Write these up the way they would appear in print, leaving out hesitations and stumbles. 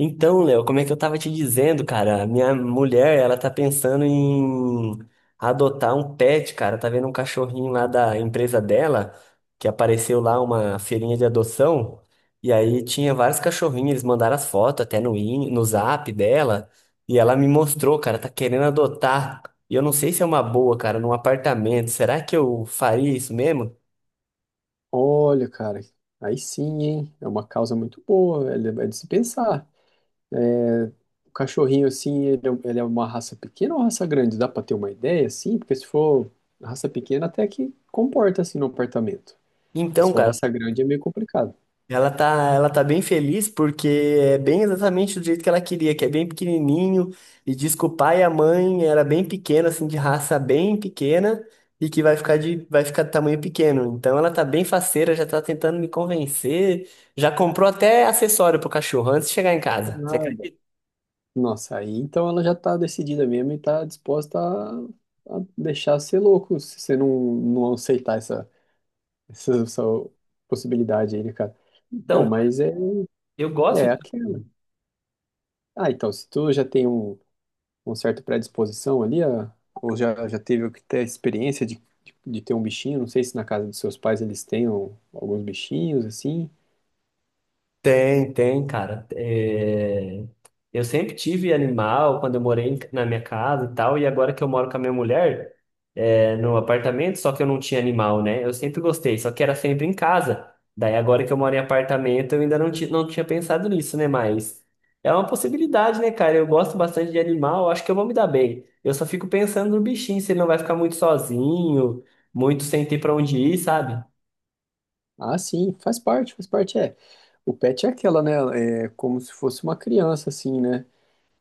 Então, Léo, como é que eu tava te dizendo, cara? A minha mulher, ela tá pensando em adotar um pet, cara. Tá vendo um cachorrinho lá da empresa dela, que apareceu lá uma feirinha de adoção. E aí tinha vários cachorrinhos, eles mandaram as fotos até no zap dela. E ela me mostrou, cara, tá querendo adotar. E eu não sei se é uma boa, cara, num apartamento. Será que eu faria isso mesmo? Olha, cara, aí sim, hein? É uma causa muito boa, é de se pensar. É, o cachorrinho, assim, ele é uma raça pequena ou raça grande? Dá pra ter uma ideia, assim? Porque se for raça pequena, até que comporta, assim, no apartamento. Mas Então, se for cara, raça grande, é meio complicado. ela tá bem feliz porque é bem exatamente do jeito que ela queria, que é bem pequenininho e diz que o pai e a mãe era bem pequeno, assim, de raça bem pequena e que vai ficar de tamanho pequeno. Então ela tá bem faceira, já tá tentando me convencer, já comprou até acessório pro cachorro antes de chegar em É casa. Você nada. Nossa, aí então ela já tá decidida mesmo e tá disposta a deixar ser louco, se você não aceitar essa possibilidade aí, né, cara? Bom, acredita? mas é, Eu é aquela. Ah, então, se tu já tem um certo predisposição ali, ou já, já teve até a experiência de ter um bichinho, não sei se na casa dos seus pais eles tenham alguns bichinhos, assim. tem, tem, cara. É, eu sempre tive animal quando eu morei na minha casa e tal, e agora que eu moro com a minha mulher no apartamento, só que eu não tinha animal, né? Eu sempre gostei, só que era sempre em casa. Daí agora que eu moro em apartamento, eu ainda não tinha pensado nisso, né? Mas é uma possibilidade, né, cara? Eu gosto bastante de animal, eu acho que eu vou me dar bem. Eu só fico pensando no bichinho, se ele não vai ficar muito sozinho, muito sem ter pra onde ir, sabe? Ah, sim, faz parte, é. O pet é aquela, né, é como se fosse uma criança, assim, né?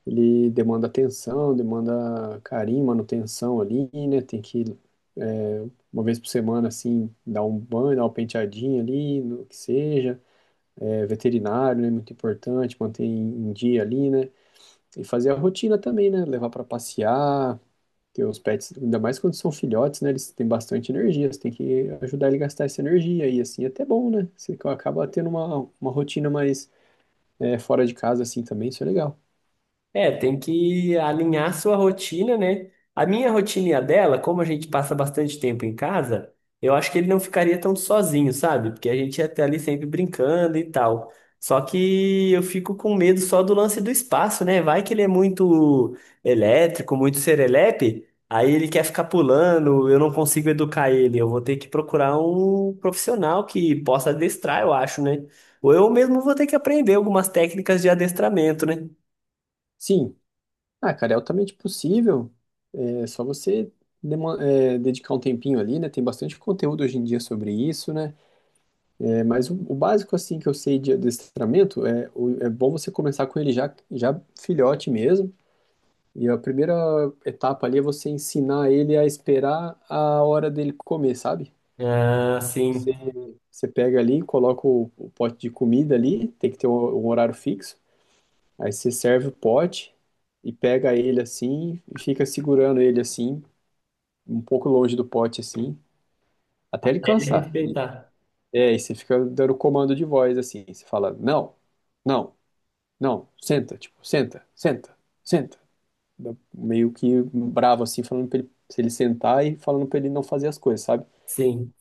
Ele demanda atenção, demanda carinho, manutenção ali, né? Tem que, é, uma vez por semana, assim, dar um banho, dar uma penteadinha ali, no que seja veterinário, né? Muito importante, manter em dia ali, né? E fazer a rotina também, né? Levar para passear, porque os pets, ainda mais quando são filhotes, né? Eles têm bastante energia, você tem que ajudar ele a gastar essa energia, e assim é até bom, né? Você acaba tendo uma rotina mais fora de casa, assim também, isso é legal. É, tem que alinhar a sua rotina, né? A minha rotina e a dela, como a gente passa bastante tempo em casa, eu acho que ele não ficaria tão sozinho, sabe? Porque a gente ia estar ali sempre brincando e tal. Só que eu fico com medo só do lance do espaço, né? Vai que ele é muito elétrico, muito serelepe, aí ele quer ficar pulando, eu não consigo educar ele. Eu vou ter que procurar um profissional que possa adestrar, eu acho, né? Ou eu mesmo vou ter que aprender algumas técnicas de adestramento, né? Sim, ah, cara, é altamente possível, é só você dedicar um tempinho ali, né? Tem bastante conteúdo hoje em dia sobre isso, né? É, mas o básico assim que eu sei de adestramento é bom você começar com ele já, já filhote mesmo. E a primeira etapa ali é você ensinar ele a esperar a hora dele comer, sabe? Ah, Você, sim. Você pega ali, coloca o pote de comida ali, tem que ter um horário fixo. Aí você serve o pote e pega ele assim e fica segurando ele assim, um pouco longe do pote assim, até ele Deve cansar. respeitar. É, e você fica dando comando de voz assim. Você fala, não, não. Não, senta, tipo, senta, senta, senta. Meio que bravo assim, falando pra ele, se ele sentar e falando pra ele não fazer as coisas, sabe? Sim.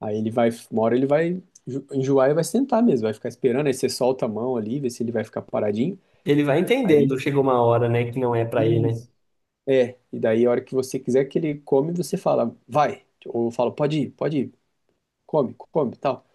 Aí ele vai, uma hora ele vai enjoar e vai sentar mesmo, vai ficar esperando, aí você solta a mão ali, vê se ele vai ficar paradinho. Ele vai Aí, entendendo, chega uma hora, né, que não é pra ele, né? isso. É, e daí a hora que você quiser que ele come, você fala, vai. Ou eu falo, pode ir, come, come, tal.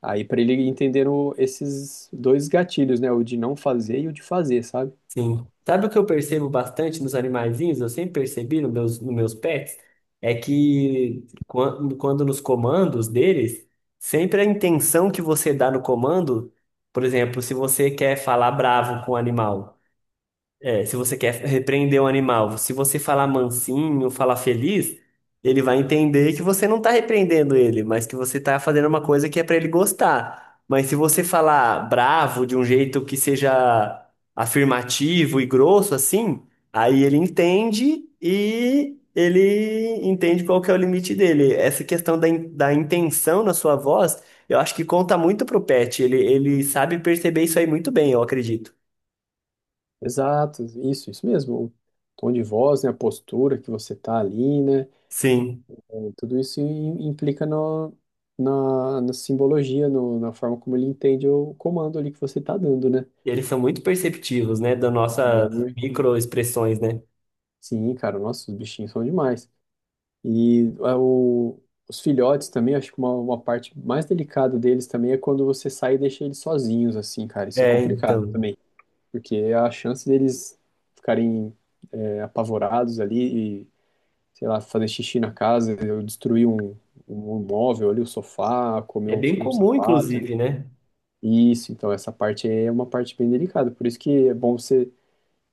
Aí pra ele entender esses dois gatilhos, né? O de não fazer e o de fazer, sabe? Sim. Sabe o que eu percebo bastante nos animaizinhos? Eu sempre percebi nos meus pets, é que quando nos comandos deles, sempre a intenção que você dá no comando, por exemplo, se você quer falar bravo com o animal. É, se você quer repreender um animal, se você falar mansinho, falar feliz, ele vai entender que você não tá repreendendo ele, mas que você tá fazendo uma coisa que é pra ele gostar. Mas se você falar bravo de um jeito que seja afirmativo e grosso assim, aí ele entende e ele entende qual que é o limite dele. Essa questão da intenção na sua voz, eu acho que conta muito pro pet. Ele sabe perceber isso aí muito bem, eu acredito. Exato, isso mesmo. O tom de voz, né, a postura que você tá ali, né? Sim. Tudo isso implica na simbologia, na forma como ele entende o comando ali que você tá dando, né? E eles são muito perceptivos, né, das nossas Ui. microexpressões, né? Sim, cara, nossa, os bichinhos são demais. E é, o- os filhotes também, acho que uma parte mais delicada deles também é quando você sai e deixa eles sozinhos, assim, cara. Isso é É, complicado então. também, porque a chance deles ficarem apavorados ali, sei lá, fazer xixi na casa, eu destruí um móvel ali, o sofá, comer É bem um comum, sapato ali. inclusive, né? Isso, então essa parte aí é uma parte bem delicada, por isso que é bom você,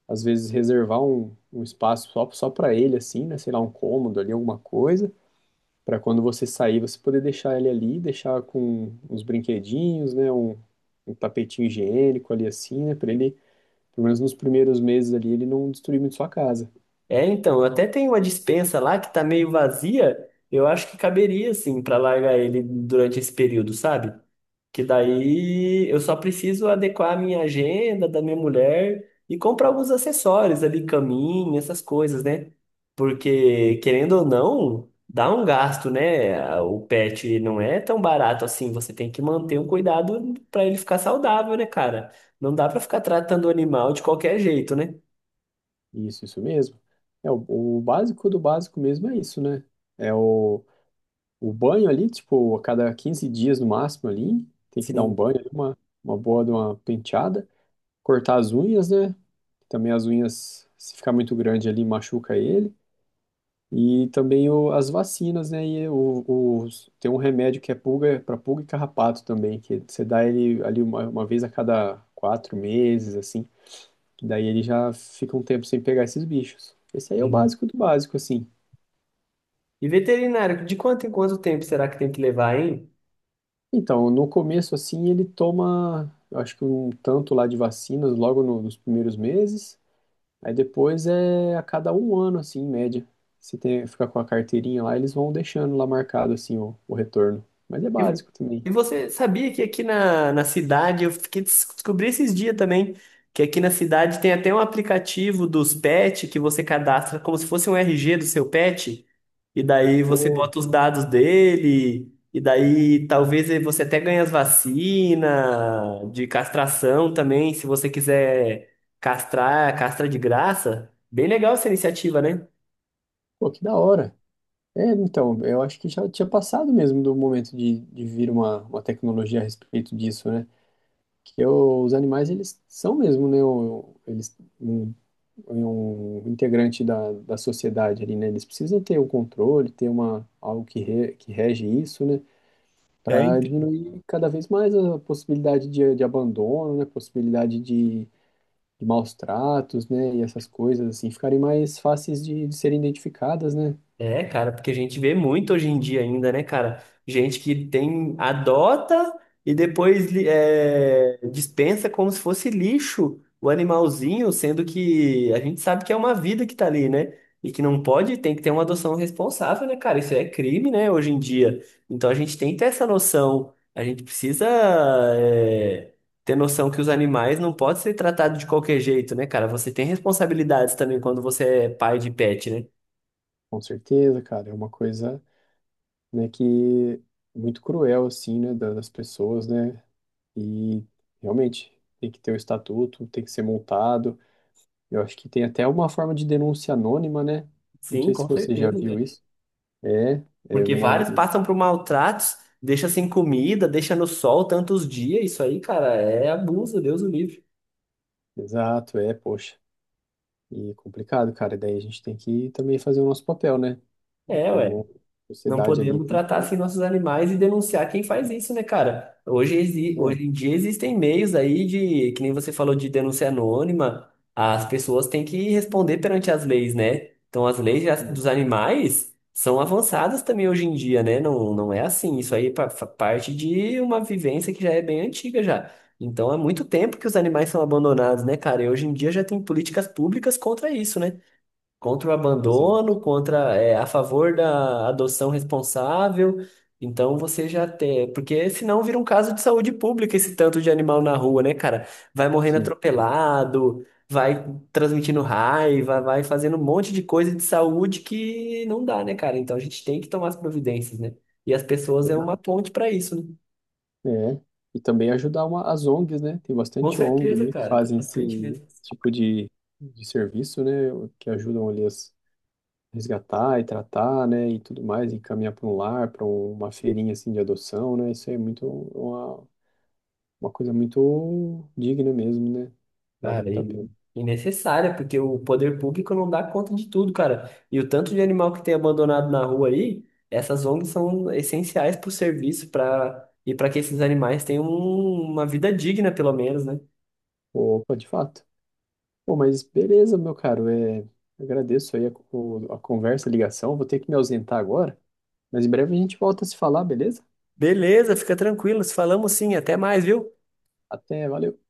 às vezes, reservar um espaço só, só para ele, assim, né, sei lá, um cômodo ali, alguma coisa, para quando você sair, você poder deixar ele ali, deixar com uns brinquedinhos, né, um tapetinho higiênico ali, assim, né, para ele, pelo menos nos primeiros meses ali, ele não destruir muito sua casa. É, então. Até tem uma despensa lá que tá meio vazia. Eu acho que caberia, assim, pra largar ele durante esse período, sabe? Que daí eu só preciso adequar a minha agenda da minha mulher e comprar alguns acessórios ali, caminho, essas coisas, né? Porque, querendo ou não, dá um gasto, né? O pet não é tão barato assim. Você tem que manter um cuidado para ele ficar saudável, né, cara? Não dá para ficar tratando o animal de qualquer jeito, né? Isso mesmo. É, o básico do básico mesmo é isso, né? É o banho ali, tipo, a cada 15 dias no máximo ali, tem que dar um Sim. banho ali, uma boa de uma penteada, cortar as unhas, né? Também as unhas, se ficar muito grande ali, machuca ele. E também o, as vacinas, né? E tem um remédio que é pulga, para pulga e carrapato também, que você dá ele ali uma vez a cada quatro meses, assim. Que daí ele já fica um tempo sem pegar esses bichos. Esse aí é o Hum. básico do básico, assim. E veterinário, de quanto em quanto tempo será que tem que levar, hein? Então, no começo, assim, ele toma, eu acho que um tanto lá de vacinas logo nos primeiros meses. Aí depois é a cada um ano, assim, em média. Se tem, ficar com a carteirinha lá, eles vão deixando lá marcado, assim, o retorno. Mas é E, vo- básico também. e você sabia que aqui na cidade, eu descobri esses dias também, que aqui na cidade tem até um aplicativo dos pets que você cadastra como se fosse um RG do seu pet, e daí você Boa. bota os dados dele, e daí talvez você até ganhe as vacinas de castração também, se você quiser castrar, castra de graça. Bem legal essa iniciativa, né? Pô, que da hora. É, então, eu acho que já tinha passado mesmo do momento de vir uma tecnologia a respeito disso, né? Os animais eles são mesmo, né, um integrante da sociedade ali, né? Eles precisam ter um controle, ter uma algo que rege isso, né, É, para diminuir cada vez mais a possibilidade de abandono, né, possibilidade de maus tratos, né, e essas coisas assim ficarem mais fáceis de serem identificadas, né? é, cara, porque a gente vê muito hoje em dia ainda, né, cara? Gente que tem, adota e depois dispensa como se fosse lixo o animalzinho, sendo que a gente sabe que é uma vida que tá ali, né? E que não pode, tem que ter uma adoção responsável, né, cara? Isso é crime, né, hoje em dia. Então a gente tem que ter essa noção. A gente precisa, é, ter noção que os animais não podem ser tratados de qualquer jeito, né, cara? Você tem responsabilidades também quando você é pai de pet, né? Com certeza, cara, é uma coisa né, que é muito cruel, assim, né, das pessoas, né, e realmente tem que ter o estatuto, tem que ser montado, eu acho que tem até uma forma de denúncia anônima, né, não Sim, sei com se você já certeza, viu cara. isso, é, é Porque uma, vários passam por maltratos, deixa sem comida, deixa no sol tantos dias. Isso aí, cara, é abuso, Deus o livre. exato, é, poxa, e complicado, cara, daí a gente tem que também fazer o nosso papel, né, É, ué. como Não sociedade ali podemos tem tratar que, assim nossos animais e denunciar quem faz isso, né, cara? Pois é, Hoje em dia existem meios aí de, que nem você falou de denúncia anônima, as pessoas têm que responder perante as leis, né? Então as leis sim, dos animais são avançadas também hoje em dia, né? Não, não é assim, isso aí é parte de uma vivência que já é bem antiga já. Então há muito tempo que os animais são abandonados, né, cara? E hoje em dia já tem políticas públicas contra isso, né? Contra o exato, abandono, contra, é, a favor da adoção responsável. Então você já tem, porque senão vira um caso de saúde pública esse tanto de animal na rua, né, cara? Vai morrendo sim, atropelado, vai transmitindo raiva, vai fazendo um monte de coisa de saúde que não dá, né, cara? Então a gente tem que tomar as providências, né? E as pessoas é uma exato. ponte para isso, né? É, e também ajudar as ONGs, né? Tem Com bastante ONG, certeza, né, que cara, tá fazem pra esse, frente mesmo. esse tipo de serviço, né? Que ajudam ali a resgatar e tratar, né? E tudo mais, e encaminhar para um lar, para uma feirinha assim de adoção, né? Isso aí é muito uma coisa muito digna mesmo, né? Vale Cara, muito a e pena. e necessária, porque o poder público não dá conta de tudo, cara. E o tanto de animal que tem abandonado na rua aí, essas ONGs são essenciais para o serviço para e para que esses animais tenham uma vida digna, pelo menos, né? Opa, de fato. Pô, mas beleza, meu caro. É, agradeço aí a conversa, a ligação. Vou ter que me ausentar agora, mas em breve a gente volta a se falar, beleza? Beleza, fica tranquilo. Falamos sim, até mais, viu? Até, valeu.